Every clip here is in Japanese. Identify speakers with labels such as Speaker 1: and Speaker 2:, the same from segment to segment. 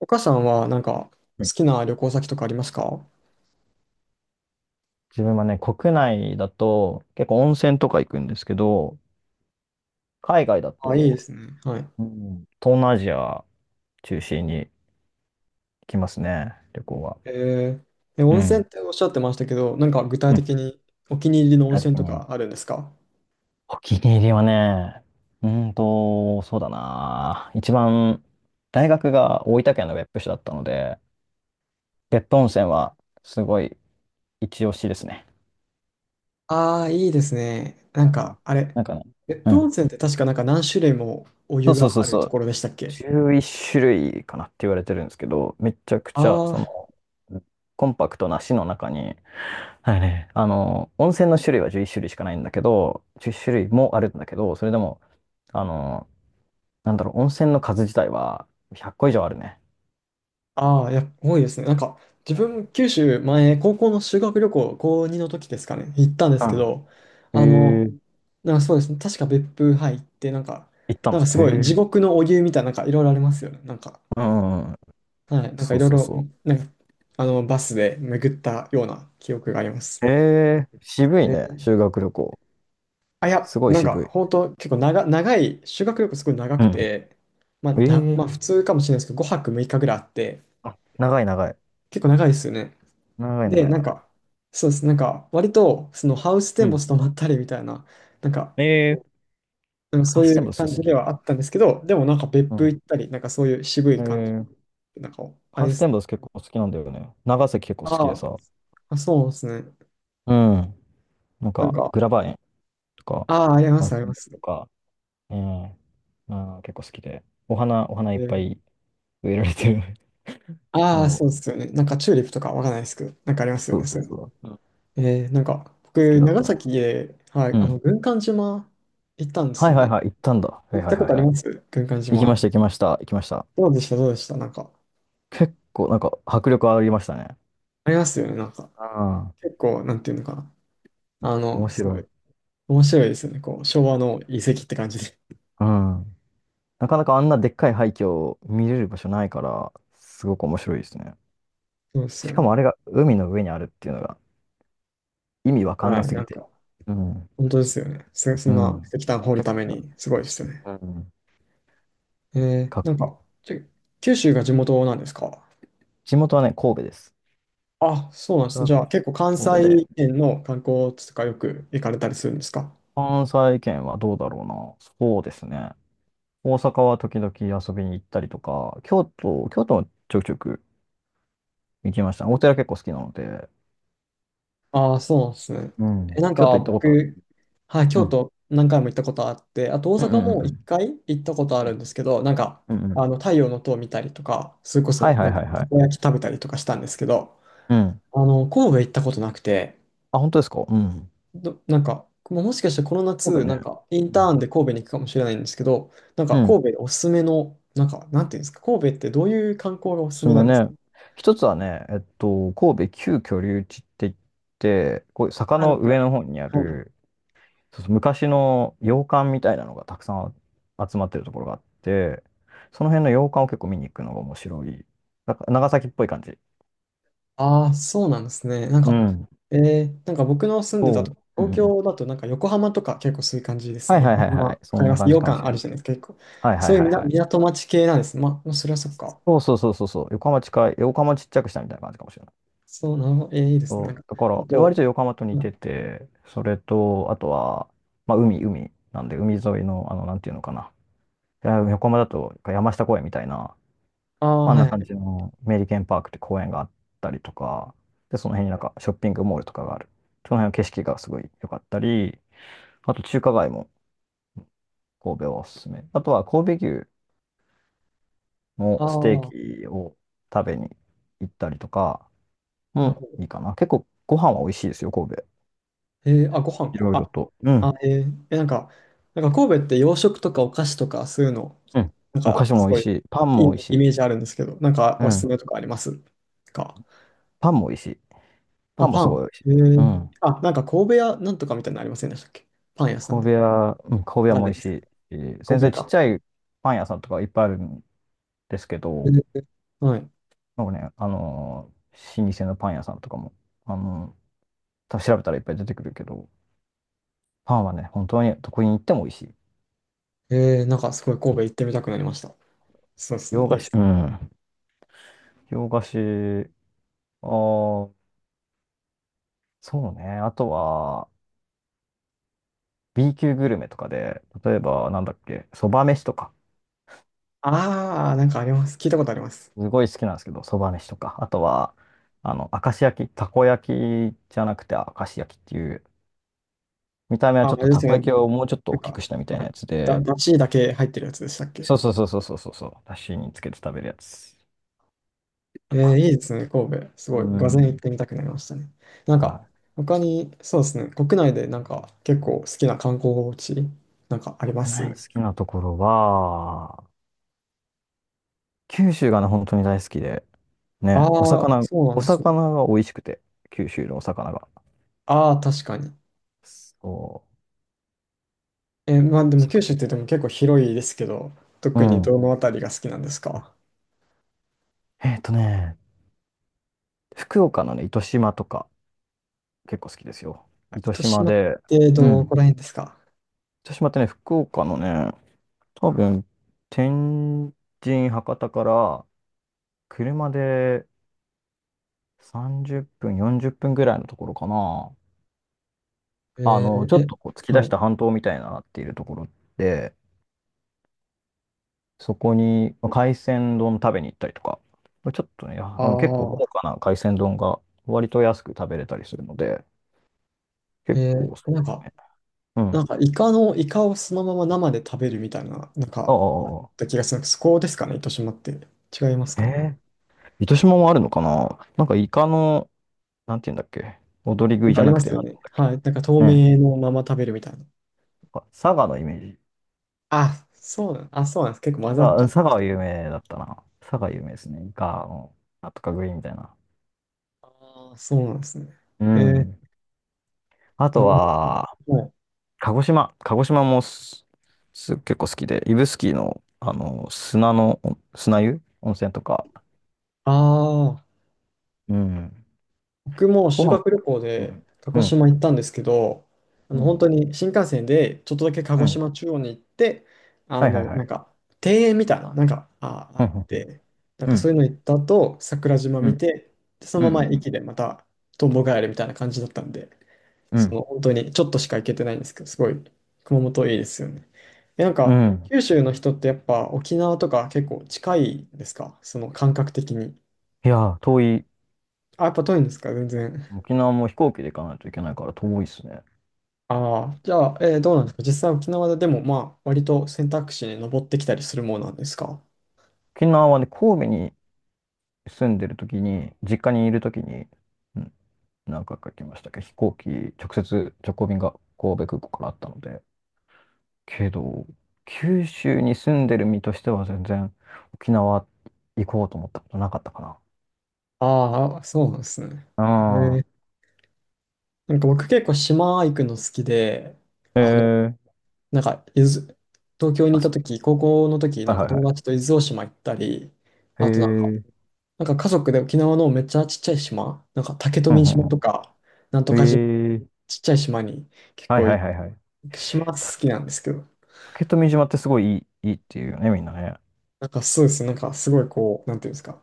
Speaker 1: お母さんはなんか
Speaker 2: うん。
Speaker 1: 好きな旅行先とかありますか？
Speaker 2: 自分はね、国内だと結構温泉とか行くんですけど、海外だ
Speaker 1: あ、いいで
Speaker 2: と、
Speaker 1: すね。はい。
Speaker 2: うん、東南アジア中心に行きますね、旅行は。
Speaker 1: えで、
Speaker 2: う
Speaker 1: 温泉
Speaker 2: ん。
Speaker 1: っておっしゃってましたけど、なんか具体
Speaker 2: うん、
Speaker 1: 的にお気に入りの温
Speaker 2: 具体
Speaker 1: 泉
Speaker 2: 的
Speaker 1: と
Speaker 2: に。
Speaker 1: かあるんですか？
Speaker 2: お気に入りはね、そうだな。一番、大学が大分県の別府市だったので、別府温泉はすごい一押しですね。
Speaker 1: ああー、いいですね。な
Speaker 2: う
Speaker 1: ん
Speaker 2: ん、
Speaker 1: かあれ、
Speaker 2: なんかね。
Speaker 1: 別
Speaker 2: う
Speaker 1: 府温
Speaker 2: ん。
Speaker 1: 泉って確かなんか何種類もお
Speaker 2: そ
Speaker 1: 湯
Speaker 2: うそう
Speaker 1: が
Speaker 2: そう
Speaker 1: ある
Speaker 2: そ
Speaker 1: と
Speaker 2: う。
Speaker 1: ころでしたっけ？
Speaker 2: 11種類かなって言われてるんですけど、めちゃくちゃ、
Speaker 1: ああ
Speaker 2: コンパクトな市の中に、はいね、温泉の種類は11種類しかないんだけど、10種類もあるんだけど、それでも、あの、温泉の数自体は100個以上あるね。
Speaker 1: ああ、いや、多いですね。なんか、自分、九州前、高校の修学旅行、高2の時ですかね、行ったんで
Speaker 2: う
Speaker 1: すけ
Speaker 2: ん。
Speaker 1: ど、あ
Speaker 2: へ
Speaker 1: の、
Speaker 2: え、
Speaker 1: なんかそうですね、確か別府入って、なんか、
Speaker 2: 行った
Speaker 1: なん
Speaker 2: の。
Speaker 1: かす
Speaker 2: へ
Speaker 1: ごい地
Speaker 2: え。
Speaker 1: 獄のお湯みたいな、なんかいろいろありますよね。なんか、
Speaker 2: うんうんうん。
Speaker 1: はい、なんか
Speaker 2: そ
Speaker 1: い
Speaker 2: う
Speaker 1: ろい
Speaker 2: そう
Speaker 1: ろ、
Speaker 2: そ
Speaker 1: なんか、あの、バスで巡ったような記憶がありま
Speaker 2: う。
Speaker 1: す。
Speaker 2: へえ、渋い
Speaker 1: え
Speaker 2: ね、修
Speaker 1: ー
Speaker 2: 学旅行。
Speaker 1: あ、いや、
Speaker 2: すごい
Speaker 1: なんか、
Speaker 2: 渋
Speaker 1: 本
Speaker 2: い。
Speaker 1: 当結構長い、修学旅行すごい長
Speaker 2: う
Speaker 1: く
Speaker 2: ん。
Speaker 1: て、まあ、
Speaker 2: え
Speaker 1: ま
Speaker 2: え。
Speaker 1: あ、普通かもしれないですけど、5泊6日ぐらいあって、
Speaker 2: あ、長い長い。
Speaker 1: 結構長いですよね。
Speaker 2: 長い
Speaker 1: で、
Speaker 2: 長い
Speaker 1: なん
Speaker 2: 長い。
Speaker 1: か、そうです。なんか、割と、そのハウステ
Speaker 2: う
Speaker 1: ンボ
Speaker 2: ん。
Speaker 1: ス泊まったりみたいな、なんか、
Speaker 2: ええ、
Speaker 1: うん
Speaker 2: ハ
Speaker 1: そ
Speaker 2: ッ
Speaker 1: うい
Speaker 2: センボ
Speaker 1: う
Speaker 2: ス
Speaker 1: 感
Speaker 2: 好
Speaker 1: じで
Speaker 2: き。
Speaker 1: はあったんですけど、でもなんか別
Speaker 2: う
Speaker 1: 府行
Speaker 2: ん。
Speaker 1: ったり、なんかそういう渋
Speaker 2: え
Speaker 1: い感じ、
Speaker 2: ー、
Speaker 1: なんか、あ
Speaker 2: ハ
Speaker 1: れ
Speaker 2: ウ
Speaker 1: で
Speaker 2: ステ
Speaker 1: す。
Speaker 2: ンボス結構好きなんだよね。長崎結構好きで
Speaker 1: あー
Speaker 2: さ。
Speaker 1: あ、そうですね。
Speaker 2: うん。なん
Speaker 1: なん
Speaker 2: か、
Speaker 1: か、
Speaker 2: グラバー園とか、
Speaker 1: ああ、ありま
Speaker 2: ハウ
Speaker 1: す、
Speaker 2: ス
Speaker 1: あり
Speaker 2: テン
Speaker 1: ま
Speaker 2: ボ
Speaker 1: す。
Speaker 2: スとか、うん。ああ、結構好きで。お花い
Speaker 1: え
Speaker 2: っぱ
Speaker 1: ー、
Speaker 2: い植えられてる。そ
Speaker 1: ああ、そ
Speaker 2: う。
Speaker 1: うですよね。なんかチューリップとかわかんないですけど、なんかありますよ
Speaker 2: そう
Speaker 1: ね、
Speaker 2: そ
Speaker 1: そ
Speaker 2: う
Speaker 1: ういう
Speaker 2: そう。うん、
Speaker 1: の。なんか、
Speaker 2: 好き
Speaker 1: 僕、
Speaker 2: だっ
Speaker 1: 長
Speaker 2: たわ。
Speaker 1: 崎で、はい、
Speaker 2: う
Speaker 1: あの、
Speaker 2: ん。
Speaker 1: 軍艦島行ったんです
Speaker 2: はい
Speaker 1: よ
Speaker 2: はい
Speaker 1: ね。
Speaker 2: はい、行ったんだ。は
Speaker 1: 行
Speaker 2: い
Speaker 1: っ
Speaker 2: はい
Speaker 1: た
Speaker 2: は
Speaker 1: こと
Speaker 2: い
Speaker 1: あり
Speaker 2: はい。
Speaker 1: ます軍艦
Speaker 2: 行きま
Speaker 1: 島。
Speaker 2: した、行きました、行きました。
Speaker 1: どうでした、どうでした、なんか。
Speaker 2: 結構、なんか、迫力ありましたね。
Speaker 1: ありますよね、なんか。
Speaker 2: うん、
Speaker 1: 結構、なんていうのかな。あの、
Speaker 2: 面白
Speaker 1: すごい、
Speaker 2: い。
Speaker 1: 面白いですよね。こう、昭和の遺跡って感じで。
Speaker 2: うん。なかなかあんなでっかい廃墟を見れる場所ないから、すごく面白いですね。
Speaker 1: そうです
Speaker 2: し
Speaker 1: よ
Speaker 2: か
Speaker 1: ね。
Speaker 2: もあれが海の上にあるっていうのが意味わかん
Speaker 1: は
Speaker 2: な
Speaker 1: い、
Speaker 2: す
Speaker 1: な
Speaker 2: ぎ
Speaker 1: ん
Speaker 2: て。
Speaker 1: か、
Speaker 2: うん。
Speaker 1: 本当ですよね。そ
Speaker 2: う
Speaker 1: ん
Speaker 2: ん。
Speaker 1: な
Speaker 2: め
Speaker 1: 石炭掘
Speaker 2: ち
Speaker 1: る
Speaker 2: ゃく
Speaker 1: ため
Speaker 2: ちゃ。
Speaker 1: に、すごいですよね。
Speaker 2: うん。
Speaker 1: えー、
Speaker 2: か、
Speaker 1: なんか、ちょ九州が地元なんですか？
Speaker 2: 地元はね、神戸です。
Speaker 1: あ、そうなんですね。じゃあ、結構関
Speaker 2: 神戸で。
Speaker 1: 西圏の観光地とかよく行かれたりするんですか？
Speaker 2: 関西圏はどうだろうな。そうですね。大阪は時々遊びに行ったりとか、京都もちょくちょく行きました。お寺結構好きなので、
Speaker 1: ああ、そうなんですね。
Speaker 2: う
Speaker 1: え、
Speaker 2: ん。
Speaker 1: なん
Speaker 2: 京都
Speaker 1: か
Speaker 2: 行ったことあ
Speaker 1: 僕、
Speaker 2: る。
Speaker 1: はい、
Speaker 2: う
Speaker 1: 京
Speaker 2: ん。
Speaker 1: 都何回も行ったことあって、あと大
Speaker 2: うんう
Speaker 1: 阪
Speaker 2: んうんう
Speaker 1: も一
Speaker 2: ん。
Speaker 1: 回行ったことあるんですけど、なんか、
Speaker 2: うんうんう
Speaker 1: あ
Speaker 2: ん。
Speaker 1: の、太陽の塔見たりとか、それこ
Speaker 2: はい
Speaker 1: そ、
Speaker 2: は
Speaker 1: な
Speaker 2: い
Speaker 1: ん
Speaker 2: は
Speaker 1: か、
Speaker 2: いは
Speaker 1: たこ
Speaker 2: い。
Speaker 1: 焼き食べたりとかしたんですけど、
Speaker 2: うん。
Speaker 1: あの、神戸行ったことなくて、
Speaker 2: あ、本当ですか。うん。
Speaker 1: なんか、もうもしかしてこの
Speaker 2: 神戸
Speaker 1: 夏、な
Speaker 2: ね。
Speaker 1: んか、イン
Speaker 2: う
Speaker 1: ター
Speaker 2: ん。
Speaker 1: ンで神戸に行くかもしれないんですけど、なん
Speaker 2: う
Speaker 1: か、
Speaker 2: ん、
Speaker 1: 神戸でおすすめの、なんか、なんていうんですか、神戸ってどういう観光がお
Speaker 2: お
Speaker 1: す
Speaker 2: す
Speaker 1: す
Speaker 2: す
Speaker 1: めな
Speaker 2: め
Speaker 1: んです
Speaker 2: ね。
Speaker 1: か？
Speaker 2: 一つはね、神戸旧居留地って言って、こういう坂
Speaker 1: あ、な
Speaker 2: の
Speaker 1: んか、は
Speaker 2: 上の方にあ
Speaker 1: い。
Speaker 2: る、そうそう、昔の洋館みたいなのがたくさん集まってるところがあって、その辺の洋館を結構見に行くのが面白い。なんか長崎っぽい感じ。
Speaker 1: ああ、そうなんですね。なん
Speaker 2: う
Speaker 1: か、
Speaker 2: ん。
Speaker 1: えなんか僕の住んでた
Speaker 2: そ
Speaker 1: と、
Speaker 2: う。う
Speaker 1: 東
Speaker 2: んうん。
Speaker 1: 京だとなんか横浜とか結構そういう感じです
Speaker 2: はい
Speaker 1: ね。
Speaker 2: はい
Speaker 1: 横
Speaker 2: はい
Speaker 1: 浜、
Speaker 2: は
Speaker 1: わ
Speaker 2: い。そ
Speaker 1: か
Speaker 2: ん
Speaker 1: り
Speaker 2: な
Speaker 1: ます。
Speaker 2: 感
Speaker 1: 洋
Speaker 2: じかもし
Speaker 1: 館
Speaker 2: れ
Speaker 1: ある
Speaker 2: ない。
Speaker 1: じゃないですか、結構。
Speaker 2: はいは
Speaker 1: そ
Speaker 2: い
Speaker 1: ういう
Speaker 2: はい
Speaker 1: みな
Speaker 2: はい。
Speaker 1: 港町系なんですね。まあ、それはそっか。
Speaker 2: そうそうそうそうそう。横浜近い、横浜ちっちゃくしたみたいな感じかもしれない。
Speaker 1: そうなの、いいですね。なん
Speaker 2: そ
Speaker 1: か、
Speaker 2: う、だか
Speaker 1: あ
Speaker 2: ら、割
Speaker 1: と、
Speaker 2: と横浜と似てて、それと、あとは、まあ、海なんで、海沿いの、なんていうのかな。いや、横浜だと、山下公園みたいな、
Speaker 1: ああ
Speaker 2: あ
Speaker 1: ー、
Speaker 2: ん
Speaker 1: はい
Speaker 2: な
Speaker 1: は
Speaker 2: 感じ
Speaker 1: い。
Speaker 2: のメリケンパークって公園があったりとか、で、その辺になんかショッピングモールとかがある。その辺の景色がすごい良かったり、あと中華街も神戸はおすすめ。あとは神戸牛の
Speaker 1: あ
Speaker 2: ステー
Speaker 1: あ、
Speaker 2: キを食べに行ったりとか
Speaker 1: なる
Speaker 2: も
Speaker 1: ほ
Speaker 2: いい
Speaker 1: ど。
Speaker 2: かな。結構ご飯は美味しいですよ、神戸。
Speaker 1: あ、ご飯
Speaker 2: い
Speaker 1: か。
Speaker 2: ろいろ
Speaker 1: あ、
Speaker 2: と。うん
Speaker 1: なんか、なんか神戸って洋食とかお菓子とかそういうの、
Speaker 2: うん。
Speaker 1: なん
Speaker 2: お菓
Speaker 1: か
Speaker 2: 子も
Speaker 1: す
Speaker 2: 美
Speaker 1: ご
Speaker 2: 味し
Speaker 1: い
Speaker 2: い。パン
Speaker 1: い
Speaker 2: も
Speaker 1: い
Speaker 2: 美味し
Speaker 1: イメ
Speaker 2: い。
Speaker 1: ージあるんですけど、なんか
Speaker 2: う
Speaker 1: おすすめ
Speaker 2: ん。
Speaker 1: とかありますか？
Speaker 2: パンも美味しい。パ
Speaker 1: あ、
Speaker 2: ンも
Speaker 1: パ
Speaker 2: すご
Speaker 1: ン。
Speaker 2: い美味しい。
Speaker 1: へ
Speaker 2: う
Speaker 1: え。
Speaker 2: ん。
Speaker 1: あ、なんか神戸屋なんとかみたいなのありませんでしたっけ？パン屋さん
Speaker 2: 神戸
Speaker 1: で。
Speaker 2: 屋、うん、神戸
Speaker 1: わ
Speaker 2: 屋
Speaker 1: かん
Speaker 2: も
Speaker 1: な
Speaker 2: 美
Speaker 1: い
Speaker 2: 味
Speaker 1: で
Speaker 2: し
Speaker 1: す。
Speaker 2: いし。全
Speaker 1: 神戸
Speaker 2: 然
Speaker 1: 屋
Speaker 2: ちっ
Speaker 1: か。
Speaker 2: ちゃいパン屋さんとかいっぱいあるんですけ
Speaker 1: へ
Speaker 2: ど、
Speaker 1: え、はい。
Speaker 2: なんかね、老舗のパン屋さんとかも、あのー多分調べたらいっぱい出てくるけど、パンはね、本当にどこに行っても美味しい。
Speaker 1: へえ、なんかすごい神戸行ってみたくなりました。そうですね。い
Speaker 2: 洋
Speaker 1: い
Speaker 2: 菓
Speaker 1: で
Speaker 2: 子、
Speaker 1: す
Speaker 2: う
Speaker 1: ね。
Speaker 2: ん。洋菓子、あーそうね。あとは、B 級グルメとかで、例えば、なんだっけ、そば飯とか。
Speaker 1: ああ、なんかあります。聞いたことあります。
Speaker 2: すごい好きなんですけど、そば飯とか、あとは、明石焼き、たこ焼きじゃなくて明石焼きっていう、見た目は
Speaker 1: あ、
Speaker 2: ちょっ
Speaker 1: あ
Speaker 2: と
Speaker 1: れで
Speaker 2: た
Speaker 1: す
Speaker 2: こ
Speaker 1: よ
Speaker 2: 焼き
Speaker 1: ね。
Speaker 2: をもうちょっと
Speaker 1: なん
Speaker 2: 大き
Speaker 1: か、
Speaker 2: くしたみたい
Speaker 1: は
Speaker 2: なや
Speaker 1: い、
Speaker 2: つ
Speaker 1: だ、
Speaker 2: で、
Speaker 1: だしだけ入ってるやつでしたっけ？
Speaker 2: そうそうそうそうそうそうそう、だしにつけて食べるやつとか。
Speaker 1: いいですね、神戸。す
Speaker 2: う
Speaker 1: ごい、ゼン行っ
Speaker 2: ん。
Speaker 1: てみたくなりましたね。な
Speaker 2: は
Speaker 1: んか、
Speaker 2: い。
Speaker 1: 他に、そうですね、国内でなんか結構好きな観光地、なんかありま
Speaker 2: 国内
Speaker 1: す？
Speaker 2: 好きなところは、九州がね、本当に大好きで、
Speaker 1: あ
Speaker 2: ね、お
Speaker 1: あー、
Speaker 2: 魚、
Speaker 1: そうなん
Speaker 2: お
Speaker 1: ですね。
Speaker 2: 魚が美味しくて、九州のお魚が。
Speaker 1: ああ、確かに。
Speaker 2: そ
Speaker 1: え、まあ
Speaker 2: う。お
Speaker 1: でも
Speaker 2: 魚、
Speaker 1: 九州って言っても結構広いですけど、
Speaker 2: う
Speaker 1: 特に
Speaker 2: ん。
Speaker 1: どのあたりが好きなんですか？
Speaker 2: えっとね、福岡のね、糸島とか、結構好きですよ。糸
Speaker 1: 糸
Speaker 2: 島
Speaker 1: 島っ
Speaker 2: で、
Speaker 1: て
Speaker 2: う
Speaker 1: ど
Speaker 2: ん。
Speaker 1: こら辺ですか？
Speaker 2: 糸島ってね、福岡のね、多分、天神、博多から車で30分、40分ぐらいのところかな。
Speaker 1: え
Speaker 2: ちょ
Speaker 1: ー
Speaker 2: っ
Speaker 1: え、
Speaker 2: とこう突き出
Speaker 1: は
Speaker 2: し
Speaker 1: い。
Speaker 2: た半島みたいになっているところで、そこにまあ海鮮丼食べに行ったりとか、これちょっとね、
Speaker 1: あ
Speaker 2: 結構
Speaker 1: あ、
Speaker 2: 豪華な海鮮丼が割と安く食べれたりするので、結
Speaker 1: え
Speaker 2: 構おすす
Speaker 1: なんか、
Speaker 2: め、うん。
Speaker 1: なんかイカの、イカをそのまま生で食べるみたいな、なん
Speaker 2: ああ、
Speaker 1: か、あっ
Speaker 2: ああ
Speaker 1: た
Speaker 2: あ
Speaker 1: 気がするんです。そこですかね、糸島って。違います
Speaker 2: あ、
Speaker 1: かね。
Speaker 2: 糸島もあるのかな、なんかイカの、なんて言うんだっけ、踊り食
Speaker 1: な
Speaker 2: い
Speaker 1: んか
Speaker 2: じゃ
Speaker 1: あり
Speaker 2: な
Speaker 1: ま
Speaker 2: くて、
Speaker 1: す
Speaker 2: な
Speaker 1: よ
Speaker 2: んて
Speaker 1: ね。
Speaker 2: 言うんだ
Speaker 1: はい。なんか透
Speaker 2: っけねえ。
Speaker 1: 明のまま食べるみたいな。
Speaker 2: なんか佐賀のイメージ。
Speaker 1: あ、そうなんです。結構混
Speaker 2: 佐
Speaker 1: ざっ
Speaker 2: 賀、
Speaker 1: ち
Speaker 2: うん、
Speaker 1: ゃっ
Speaker 2: 佐
Speaker 1: て
Speaker 2: 賀
Speaker 1: まし
Speaker 2: は
Speaker 1: たよ
Speaker 2: 有
Speaker 1: ね。
Speaker 2: 名だったな。佐賀有名ですね。イカの、なんとか食いみたいな。
Speaker 1: ああ、そうなんですね。
Speaker 2: う
Speaker 1: えー
Speaker 2: ん。あ
Speaker 1: な
Speaker 2: と
Speaker 1: る
Speaker 2: は、
Speaker 1: ほど。はい。
Speaker 2: 鹿児島。鹿児島も結構好きで、指宿の、砂の、砂湯温泉とか。
Speaker 1: ああ。
Speaker 2: うん。
Speaker 1: 僕も
Speaker 2: ご
Speaker 1: 修
Speaker 2: 飯、
Speaker 1: 学旅行
Speaker 2: う
Speaker 1: で
Speaker 2: ん。
Speaker 1: 鹿
Speaker 2: う
Speaker 1: 児
Speaker 2: ん。
Speaker 1: 島行ったんですけど、あ
Speaker 2: う
Speaker 1: の本
Speaker 2: ん。
Speaker 1: 当に新幹線でちょっとだけ鹿
Speaker 2: う
Speaker 1: 児
Speaker 2: ん、
Speaker 1: 島中央に行って、あ
Speaker 2: はいはい
Speaker 1: の、
Speaker 2: は
Speaker 1: なん
Speaker 2: い。
Speaker 1: か庭園みたいな、あ
Speaker 2: う
Speaker 1: っ
Speaker 2: ん。
Speaker 1: て、なん
Speaker 2: う
Speaker 1: かそう
Speaker 2: ん。
Speaker 1: いうの行った後、桜島
Speaker 2: う
Speaker 1: 見
Speaker 2: ん。
Speaker 1: て、でそ
Speaker 2: う
Speaker 1: のまま
Speaker 2: ん。
Speaker 1: 駅でまたトンボ帰るみたいな感じだったんで、
Speaker 2: うん。う
Speaker 1: その
Speaker 2: ん。
Speaker 1: 本当にちょっとしか行けてないんですけど、すごい熊本いいですよね。え、なん
Speaker 2: う
Speaker 1: か
Speaker 2: んうん、
Speaker 1: 九州の人ってやっぱ沖縄とか結構近いですかその感覚的に。
Speaker 2: いやー、遠い。
Speaker 1: あ、やっぱ遠いんですか全然。
Speaker 2: 沖縄も飛行機で行かないといけないから遠いっすね。
Speaker 1: ああ、じゃあ、どう
Speaker 2: う
Speaker 1: なん
Speaker 2: ん、
Speaker 1: ですか実際沖縄ででも、まあ、割と選択肢に上ってきたりするものなんですか？
Speaker 2: 沖縄はね、神戸に住んでる時に、実家にいる時に、うん、何回か行きましたけど、飛行機、直接直行便が神戸空港からあったので。けど、九州に住んでる身としては全然沖縄行こうと思ったことなかったか
Speaker 1: ああ、そうなんですね。え
Speaker 2: な。
Speaker 1: ーなんか僕結構島行くの好きで、
Speaker 2: うん。へ
Speaker 1: あの
Speaker 2: えー、
Speaker 1: なんか、東京に
Speaker 2: あ、
Speaker 1: いた
Speaker 2: そういうこ
Speaker 1: 時、高校の時、
Speaker 2: と。は
Speaker 1: なんか
Speaker 2: いはいは
Speaker 1: 友
Speaker 2: い。
Speaker 1: 達と伊豆大島行ったり、
Speaker 2: へ
Speaker 1: あとなんか、
Speaker 2: え、
Speaker 1: なんか家族で沖縄のめっちゃちっちゃい島、なんか竹
Speaker 2: うん
Speaker 1: 富
Speaker 2: うん
Speaker 1: 島と
Speaker 2: う
Speaker 1: か、なんとか島、
Speaker 2: ん。へえ、
Speaker 1: ちっちゃい島に結
Speaker 2: はい
Speaker 1: 構
Speaker 2: はい
Speaker 1: 行
Speaker 2: はいはい。
Speaker 1: く島好きなんですけど、
Speaker 2: 竹富島ってすごいいい、いいっていうよね、みんなね。
Speaker 1: なんかそうですね、なんかすごいこう、なんていうんですか、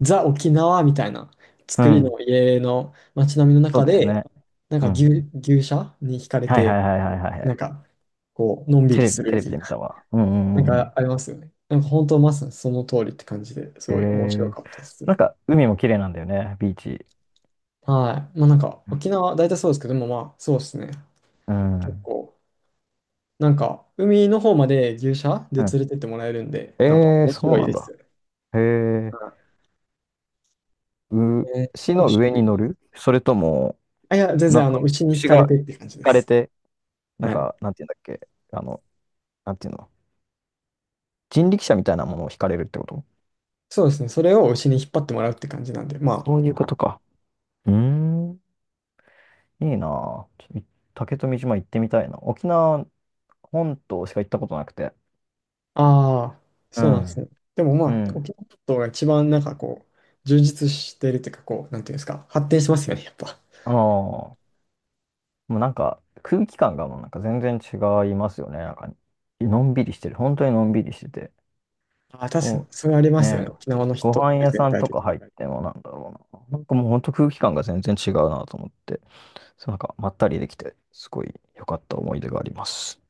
Speaker 1: ザ沖縄みたいな
Speaker 2: う
Speaker 1: 作り
Speaker 2: ん。
Speaker 1: の家の街並みの
Speaker 2: そう
Speaker 1: 中
Speaker 2: だよ
Speaker 1: で、
Speaker 2: ね。
Speaker 1: なん
Speaker 2: う
Speaker 1: か牛、
Speaker 2: ん。
Speaker 1: 牛舎に惹かれ
Speaker 2: はいは
Speaker 1: て、
Speaker 2: いはいはいはいはい。
Speaker 1: なんかこう、のんび
Speaker 2: テ
Speaker 1: り
Speaker 2: レ
Speaker 1: す
Speaker 2: ビ、
Speaker 1: る
Speaker 2: テ
Speaker 1: み
Speaker 2: レビ
Speaker 1: たい
Speaker 2: で見た
Speaker 1: な。
Speaker 2: わ。うんう
Speaker 1: なん
Speaker 2: んうんう
Speaker 1: か
Speaker 2: ん。
Speaker 1: ありますよね。なんか本当まさにその通りって感じです
Speaker 2: え
Speaker 1: ごい面白
Speaker 2: ー、
Speaker 1: かったです。
Speaker 2: なんか海も綺麗なんだよね、ビーチ。
Speaker 1: はい。まあなんか沖縄大体そうですけどもまあそうですね。
Speaker 2: う
Speaker 1: 結
Speaker 2: ん。
Speaker 1: 構なんか海の方まで牛舎で
Speaker 2: うん。
Speaker 1: 連れてってもらえるんでなんか
Speaker 2: えー、
Speaker 1: 面
Speaker 2: そう
Speaker 1: 白い
Speaker 2: なん
Speaker 1: です
Speaker 2: だ。
Speaker 1: よね。
Speaker 2: へえ、
Speaker 1: はい、
Speaker 2: 牛
Speaker 1: 九
Speaker 2: の
Speaker 1: 州。
Speaker 2: 上に乗るそれとも、
Speaker 1: あ、いや全
Speaker 2: なん
Speaker 1: 然あの
Speaker 2: か、
Speaker 1: 牛に惹
Speaker 2: 牛
Speaker 1: かれ
Speaker 2: が引
Speaker 1: てって感じで
Speaker 2: かれ
Speaker 1: す。
Speaker 2: て、なん
Speaker 1: はい。
Speaker 2: か、なんていうんだっけ、なんていうの、人力車みたいなものを引かれるってこと。
Speaker 1: そうですね。それを牛に引っ張ってもらうって感じなんでま
Speaker 2: そういうこ
Speaker 1: あ。
Speaker 2: とか。うーん、いいなあ、ちょっと、竹富島行ってみたいな。沖縄本島しか行ったことなくて。
Speaker 1: ああ、
Speaker 2: う
Speaker 1: そうなんです
Speaker 2: ん。
Speaker 1: ね。でもま
Speaker 2: う
Speaker 1: あ
Speaker 2: ん。
Speaker 1: 沖縄本島が一番なんかこう充実してるっていうかこうなんていうんですか発展しますよねやっぱ。
Speaker 2: ああ、もうなんか空気感がもうなんか全然違いますよね。なんか、のんびりしてる。本当にのんびりしてて。
Speaker 1: あ、確かに、
Speaker 2: も
Speaker 1: それあり
Speaker 2: う
Speaker 1: ますよね。
Speaker 2: ね、
Speaker 1: 沖縄の
Speaker 2: ご
Speaker 1: 人っ
Speaker 2: 飯
Speaker 1: て
Speaker 2: 屋
Speaker 1: 全
Speaker 2: さん
Speaker 1: 体
Speaker 2: とか
Speaker 1: 的に。
Speaker 2: 入ってもなんだろうな。なんかもう本当空気感が全然違うなと思って、そうなんかまったりできて、すごい良かった思い出があります。